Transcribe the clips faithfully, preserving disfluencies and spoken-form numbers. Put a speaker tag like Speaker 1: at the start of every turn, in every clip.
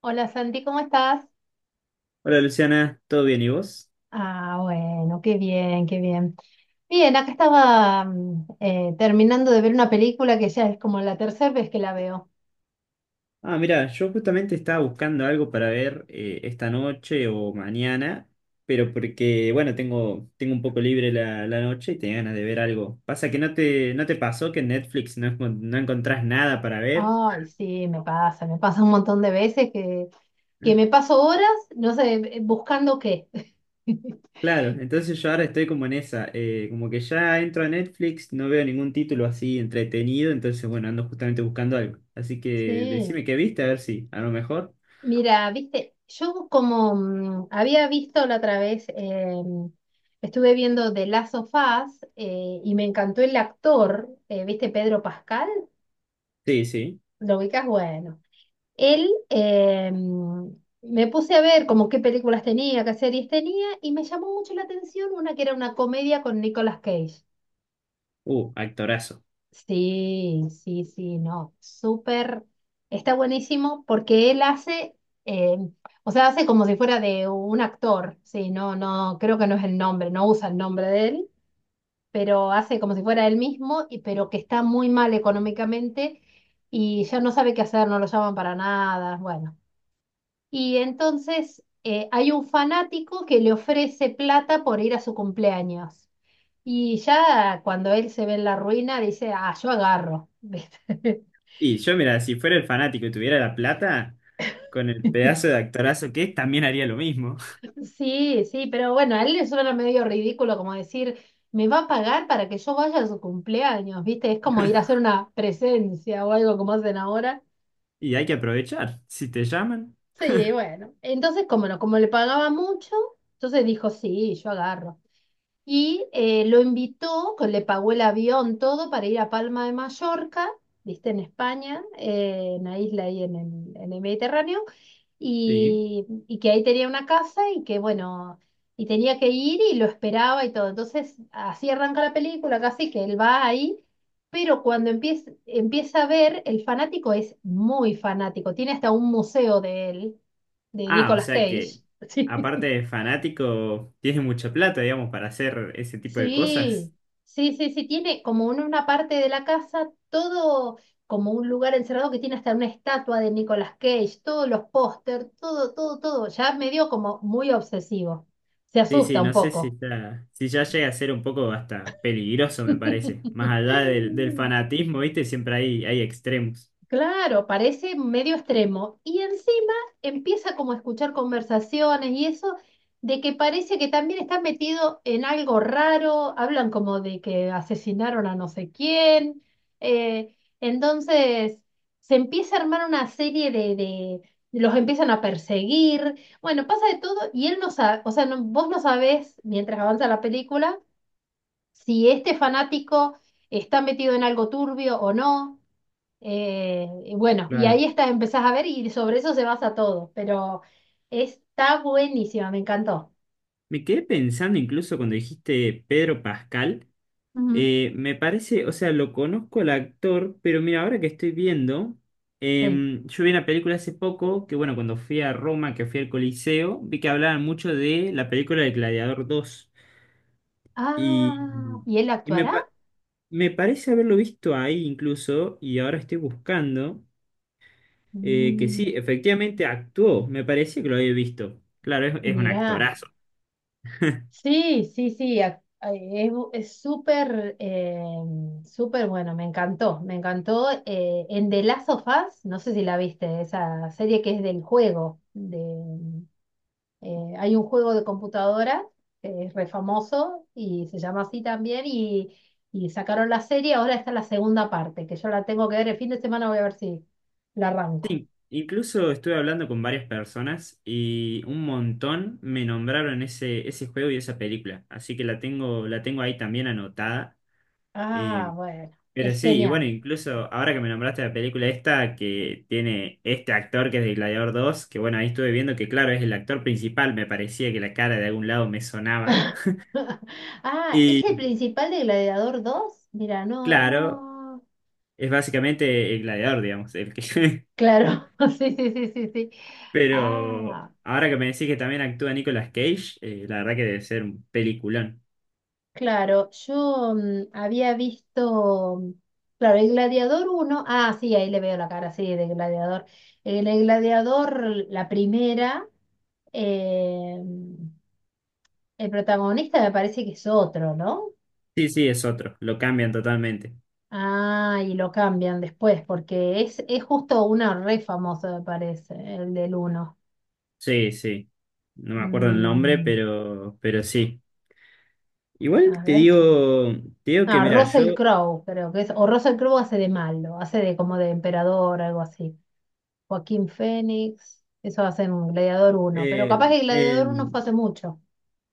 Speaker 1: Hola Santi, ¿cómo estás?
Speaker 2: Hola Luciana, ¿todo bien y vos?
Speaker 1: Ah, bueno, qué bien, qué bien. Bien, acá estaba mm, eh, terminando de ver una película que ya es como la tercera vez que la veo.
Speaker 2: Ah, mira, yo justamente estaba buscando algo para ver eh, esta noche o mañana, pero porque, bueno, tengo, tengo un poco libre la, la noche y tenía ganas de ver algo. Pasa que no te, no te pasó que en Netflix no, encon- no encontrás nada para ver.
Speaker 1: Ay, sí, me pasa, me pasa un montón de veces que, que me paso horas, no sé, eh, buscando qué.
Speaker 2: Claro, entonces yo ahora estoy como en esa, eh, como que ya entro a Netflix, no veo ningún título así entretenido, entonces bueno, ando justamente buscando algo. Así que decime
Speaker 1: Sí,
Speaker 2: qué viste, a ver si, a lo mejor.
Speaker 1: mira, viste, yo como mm, había visto la otra vez, eh, estuve viendo The Last of Us, eh, y me encantó el actor, eh, viste, Pedro Pascal.
Speaker 2: Sí, sí.
Speaker 1: Lo ubicas, bueno. Él, eh, me puse a ver como qué películas tenía, qué series tenía, y me llamó mucho la atención una que era una comedia con Nicolas Cage.
Speaker 2: Uh, actorazo.
Speaker 1: Sí, sí, sí, no, súper, está buenísimo porque él hace, eh, o sea, hace como si fuera de un actor, sí, no, no, creo que no es el nombre, no usa el nombre de él, pero hace como si fuera él mismo, y pero que está muy mal económicamente y ya no sabe qué hacer, no lo llaman para nada, bueno. Y entonces eh, hay un fanático que le ofrece plata por ir a su cumpleaños. Y ya cuando él se ve en la ruina, dice, ah, yo agarro. ¿Viste?
Speaker 2: Y yo, mira, si fuera el fanático y tuviera la plata, con el pedazo de actorazo que es, también haría lo mismo.
Speaker 1: Sí, sí, pero bueno, a él le suena medio ridículo como decir, me va a pagar para que yo vaya a su cumpleaños, ¿viste? Es como ir a hacer una presencia o algo como hacen ahora.
Speaker 2: Y hay que aprovechar. Si te llaman,
Speaker 1: Sí, bueno. Entonces, como no, como le pagaba mucho, entonces dijo, sí, yo agarro. Y eh, lo invitó, que le pagó el avión, todo, para ir a Palma de Mallorca, viste, en España, eh, en la isla ahí en el, en el Mediterráneo,
Speaker 2: sí.
Speaker 1: y, y que ahí tenía una casa y que, bueno, y tenía que ir y lo esperaba y todo. Entonces, así arranca la película, casi que él va ahí, pero cuando empieza, empieza a ver, el fanático es muy fanático, tiene hasta un museo de él, de
Speaker 2: Ah, o
Speaker 1: Nicolas
Speaker 2: sea que,
Speaker 1: Cage.
Speaker 2: aparte
Speaker 1: Sí.
Speaker 2: de fanático, tienes mucha plata, digamos, para hacer ese tipo de
Speaker 1: Sí,
Speaker 2: cosas.
Speaker 1: sí, sí, sí, tiene como en una parte de la casa todo como un lugar encerrado que tiene hasta una estatua de Nicolas Cage, todos los póster, todo, todo, todo, ya medio como muy obsesivo. Se
Speaker 2: Sí, sí,
Speaker 1: asusta un
Speaker 2: no sé si
Speaker 1: poco.
Speaker 2: está, si ya llega a ser un poco hasta peligroso, me parece. Más allá del, del fanatismo, ¿viste? Siempre hay, hay extremos.
Speaker 1: Claro, parece medio extremo. Y encima empieza como a escuchar conversaciones y eso, de que parece que también está metido en algo raro, hablan como de que asesinaron a no sé quién. eh, entonces se empieza a armar una serie de, de- los empiezan a perseguir. Bueno, pasa de todo y él no sabe, o sea, no- vos no sabés, mientras avanza la película, si este fanático está metido en algo turbio o no. Eh, y bueno, y
Speaker 2: Claro.
Speaker 1: ahí está, empezás a ver y sobre eso se basa todo, pero está buenísima, me encantó.
Speaker 2: Me quedé pensando incluso cuando dijiste Pedro Pascal.
Speaker 1: Ujú.
Speaker 2: Eh, me parece, o sea, lo conozco al actor, pero mira, ahora que estoy viendo,
Speaker 1: Sí.
Speaker 2: em, yo vi una película hace poco, que bueno, cuando fui a Roma, que fui al Coliseo, vi que hablaban mucho de la película de Gladiador dos.
Speaker 1: Ah,
Speaker 2: Y,
Speaker 1: ¿y él
Speaker 2: y me,
Speaker 1: actuará?
Speaker 2: pa- Me parece haberlo visto ahí incluso, y ahora estoy buscando, eh, que sí,
Speaker 1: Mm,
Speaker 2: efectivamente actuó, me parecía que lo había visto. Claro, es, es un
Speaker 1: mirá.
Speaker 2: actorazo.
Speaker 1: Sí, sí, sí, ac- eh, es bu- es súper, eh, súper bueno, me encantó, me encantó. eh, en The Last of Us, no sé si la viste, esa serie que es del juego, de... Eh, hay un juego de computadora que es re famoso y se llama así también, y, y sacaron la serie, ahora está la segunda parte, que yo la tengo que ver el fin de semana, voy a ver si la arranco.
Speaker 2: In- Incluso estuve hablando con varias personas y un montón me nombraron ese, ese juego y esa película, así que la tengo, la tengo ahí también anotada.
Speaker 1: Ah,
Speaker 2: Eh,
Speaker 1: bueno, es
Speaker 2: pero sí, y bueno,
Speaker 1: genial.
Speaker 2: incluso ahora que me nombraste la película esta que tiene este actor que es de Gladiador dos, que bueno, ahí estuve viendo que claro, es el actor principal, me parecía que la cara de algún lado me sonaba.
Speaker 1: Ah, ¿es
Speaker 2: Y
Speaker 1: el principal de Gladiador dos? Mira, no,
Speaker 2: claro,
Speaker 1: no.
Speaker 2: es básicamente el Gladiador, digamos, el que.
Speaker 1: Claro, sí, sí, sí, sí, sí.
Speaker 2: Pero
Speaker 1: Ah.
Speaker 2: ahora que me decís que también actúa Nicolas Cage, eh, la verdad que debe ser un peliculón.
Speaker 1: Claro, yo mm, había visto, mm, claro, el Gladiador uno, ah, sí, ahí le veo la cara, sí, de Gladiador. En el Gladiador, la primera, eh, mm, el protagonista me parece que es otro, ¿no?
Speaker 2: Sí, sí, es otro, lo cambian totalmente.
Speaker 1: Ah, y lo cambian después, porque es, es justo una re famosa, me parece, el del uno.
Speaker 2: Sí, sí. No me acuerdo el nombre,
Speaker 1: Mm,
Speaker 2: pero, pero sí. Igual
Speaker 1: a
Speaker 2: te
Speaker 1: ver
Speaker 2: digo,
Speaker 1: quién.
Speaker 2: te digo que
Speaker 1: Ah,
Speaker 2: mira, yo,
Speaker 1: Russell Crowe, creo que es, o Russell Crowe hace de malo, hace de como de emperador, algo así. Joaquín Fénix, eso va a ser un Gladiador uno. Pero
Speaker 2: eh,
Speaker 1: capaz que Gladiador uno
Speaker 2: en-
Speaker 1: fue hace mucho.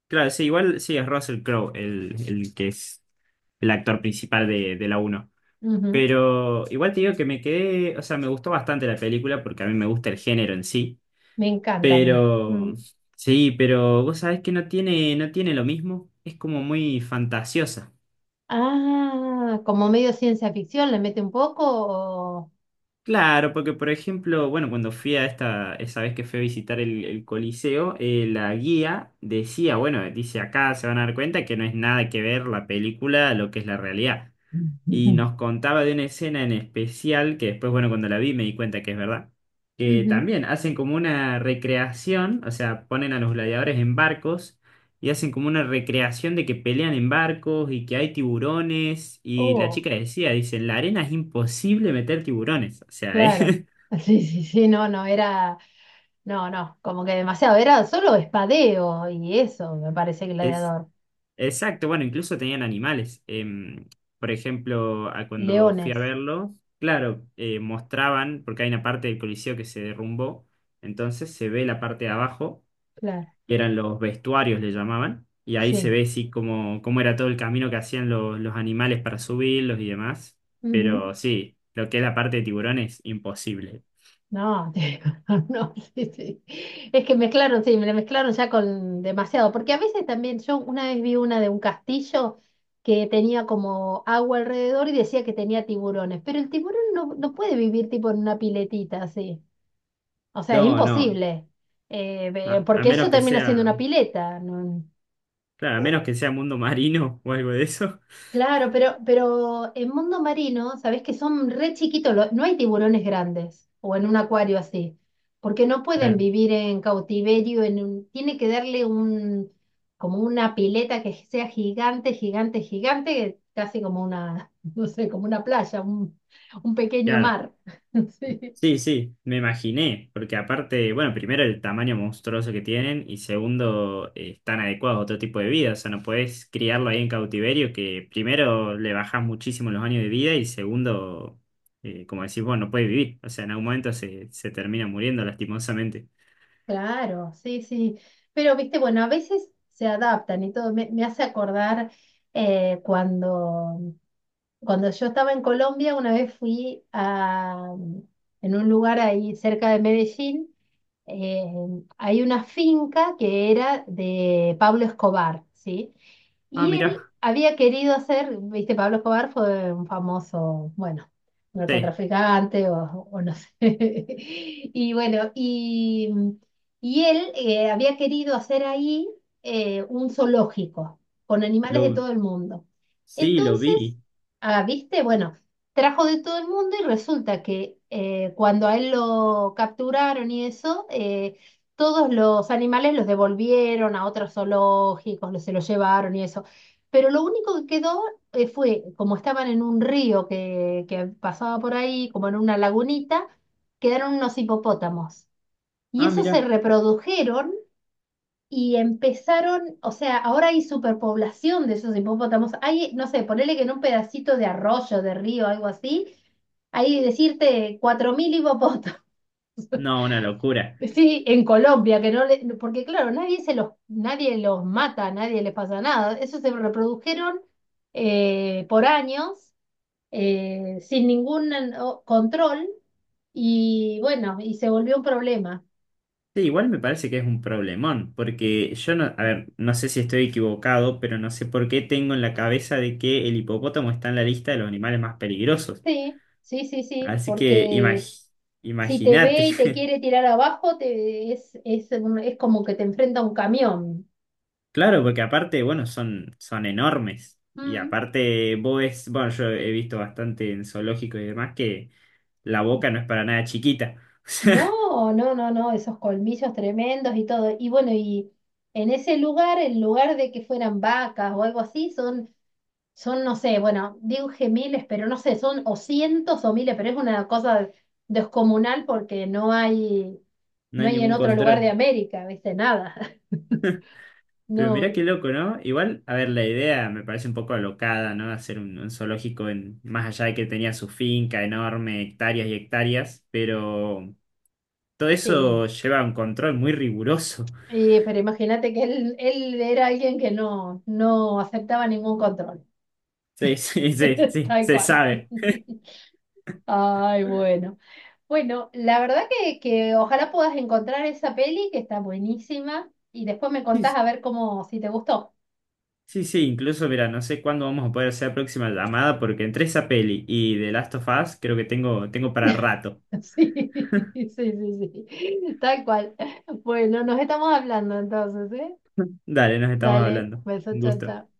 Speaker 2: claro, sí, igual sí es Russell Crowe el, el que es el actor principal de, de la uno.
Speaker 1: Ujú.
Speaker 2: Pero igual te digo que me quedé, o sea, me gustó bastante la película porque a mí me gusta el género en sí.
Speaker 1: Me encanta a mí.
Speaker 2: Pero
Speaker 1: Mm.
Speaker 2: sí, pero vos sabés que no tiene, no tiene lo mismo, es como muy fantasiosa.
Speaker 1: Ah, como medio ciencia ficción, ¿le mete un poco? o-
Speaker 2: Claro, porque por ejemplo, bueno, cuando fui a esta, esa vez que fui a visitar el, el Coliseo, eh, la guía decía, bueno, dice acá se van a dar cuenta que no es nada que ver la película a lo que es la realidad. Y
Speaker 1: Ujú.
Speaker 2: nos contaba de una escena en especial, que después, bueno, cuando la vi me di cuenta que es verdad, que
Speaker 1: Ujú.
Speaker 2: también hacen como una recreación, o sea, ponen a los gladiadores en barcos y hacen como una recreación de que pelean en barcos y que hay tiburones. Y la
Speaker 1: Oh,
Speaker 2: chica decía, dice, en la arena es imposible meter tiburones. O sea, eh,
Speaker 1: claro. Sí, sí, sí, no, no, era, no, no, como que demasiado, era solo espadeo y eso, me parece
Speaker 2: es
Speaker 1: Gladiador.
Speaker 2: exacto. Bueno, incluso tenían animales. Em, por ejemplo, a cuando fui a
Speaker 1: Leones,
Speaker 2: verlo, claro, eh, mostraban, porque hay una parte del Coliseo que se derrumbó, entonces se ve la parte de abajo,
Speaker 1: claro,
Speaker 2: que eran los vestuarios, le llamaban, y ahí se
Speaker 1: sí.
Speaker 2: ve sí cómo, cómo era todo el camino que hacían los, los animales para subirlos y demás, pero
Speaker 1: Ujú.
Speaker 2: sí, lo que es la parte de tiburón es imposible.
Speaker 1: No, te- no, sí, sí. Es que mezclaron, sí, me la mezclaron ya con demasiado. Porque a veces también, yo una vez vi una de un castillo que tenía como agua alrededor y decía que tenía tiburones. Pero el tiburón no, no puede vivir tipo en una piletita así. O sea, es
Speaker 2: No, no,
Speaker 1: imposible. Eh, ve-
Speaker 2: a, a
Speaker 1: porque
Speaker 2: menos
Speaker 1: eso
Speaker 2: que
Speaker 1: termina siendo
Speaker 2: sea,
Speaker 1: una pileta, ¿no?
Speaker 2: claro, a menos que sea mundo marino o algo de eso,
Speaker 1: Claro, pero, pero en mundo marino, sabés que son re chiquitos, lo- no hay tiburones grandes o en un acuario así, porque no pueden
Speaker 2: claro,
Speaker 1: vivir en cautiverio, en un, tiene que darle un, como una pileta que sea gigante, gigante, gigante, casi como una, no sé, como una playa, un, un pequeño
Speaker 2: claro.
Speaker 1: mar. Sí.
Speaker 2: Sí, sí, me imaginé, porque aparte, bueno, primero el tamaño monstruoso que tienen y segundo, eh, están adecuados a otro tipo de vida, o sea, no podés criarlo ahí en cautiverio, que primero le bajás muchísimo los años de vida y segundo, eh, como decís vos, no puede vivir, o sea, en algún momento se, se termina muriendo lastimosamente.
Speaker 1: Claro, sí, sí. Pero, viste, bueno, a veces se adaptan y todo. Me, me hace acordar eh, cuando Cuando yo estaba en Colombia, una vez fui a, mm, en un lugar ahí cerca de Medellín, eh, hay una finca que era de Pablo Escobar, ¿sí?
Speaker 2: Ah,
Speaker 1: Y él
Speaker 2: mirá,
Speaker 1: había querido hacer, viste, Pablo Escobar fue un famoso, bueno,
Speaker 2: sí,
Speaker 1: narcotraficante o, o no sé. Y bueno, y, y él eh, había querido hacer ahí eh, un zoológico con animales de
Speaker 2: lo,
Speaker 1: todo el mundo.
Speaker 2: sí, lo
Speaker 1: Entonces...
Speaker 2: vi.
Speaker 1: Ah, ¿viste? Bueno, trajo de todo el mundo y resulta que eh, cuando a él lo capturaron y eso, eh, todos los animales los devolvieron a otros zoológicos, los- se los llevaron y eso. Pero lo único que quedó, eh, fue, como estaban en un río que, que pasaba por ahí, como en una lagunita, quedaron unos hipopótamos. Y
Speaker 2: Ah,
Speaker 1: esos se
Speaker 2: mirá,
Speaker 1: reprodujeron y empezaron, o sea, ahora hay superpoblación de esos hipopótamos. Hay, no sé, ponele que en un pedacito de arroyo, de río, algo así, hay decirte cuatro mil hipopótamos.
Speaker 2: no, una locura.
Speaker 1: Sí, en Colombia, que no le, porque claro, nadie se los, nadie los mata, nadie les pasa nada. Esos se reprodujeron eh, por años, eh, sin ningún o, control, y bueno, y se volvió un problema.
Speaker 2: Sí, igual me parece que es un problemón, porque yo no, a ver, no sé si estoy equivocado, pero no sé por qué tengo en la cabeza de que el hipopótamo está en la lista de los animales más peligrosos.
Speaker 1: Sí, sí, sí, sí,
Speaker 2: Así que
Speaker 1: porque
Speaker 2: imag-
Speaker 1: si te
Speaker 2: imagínate.
Speaker 1: ve y te quiere tirar abajo, te, es, es, un- es como que te enfrenta a un camión.
Speaker 2: Claro, porque aparte, bueno, son, son enormes. Y
Speaker 1: Mm.
Speaker 2: aparte, vos ves, bueno, yo he visto bastante en zoológicos y demás que la boca no es para nada chiquita. O sea,
Speaker 1: No, no, no, no, esos colmillos tremendos y todo. Y bueno, y en ese lugar, en lugar de que fueran vacas o algo así, son, son, no sé, bueno, dije miles, pero no sé, son o cientos o miles, pero es una cosa descomunal porque no hay,
Speaker 2: no
Speaker 1: no
Speaker 2: hay
Speaker 1: hay en
Speaker 2: ningún
Speaker 1: otro lugar de
Speaker 2: control.
Speaker 1: América, ¿viste? Nada.
Speaker 2: Pero
Speaker 1: No,
Speaker 2: mirá qué loco, ¿no? Igual, a ver, la idea me parece un poco alocada, ¿no? Hacer un, un zoológico en, más allá de que tenía su finca enorme, hectáreas y hectáreas, pero todo
Speaker 1: sí.
Speaker 2: eso lleva un control muy riguroso.
Speaker 1: Y, pero imagínate que él, él era alguien que no, no aceptaba ningún control,
Speaker 2: Sí, sí, sí, sí,
Speaker 1: tal
Speaker 2: se
Speaker 1: cual.
Speaker 2: sabe.
Speaker 1: Ay, bueno. Bueno, la verdad que, que ojalá puedas encontrar esa peli que está buenísima y después me
Speaker 2: Sí,
Speaker 1: contás a ver cómo, si te gustó.
Speaker 2: sí, sí, incluso, mira, no sé cuándo vamos a poder hacer la próxima llamada porque entre esa peli y The Last of Us creo que tengo, tengo para rato.
Speaker 1: Sí, sí, sí, sí. Tal cual. Bueno, nos estamos hablando entonces, ¿eh?
Speaker 2: Dale, nos estamos
Speaker 1: Dale,
Speaker 2: hablando.
Speaker 1: beso,
Speaker 2: Un
Speaker 1: chao,
Speaker 2: gusto.
Speaker 1: chao.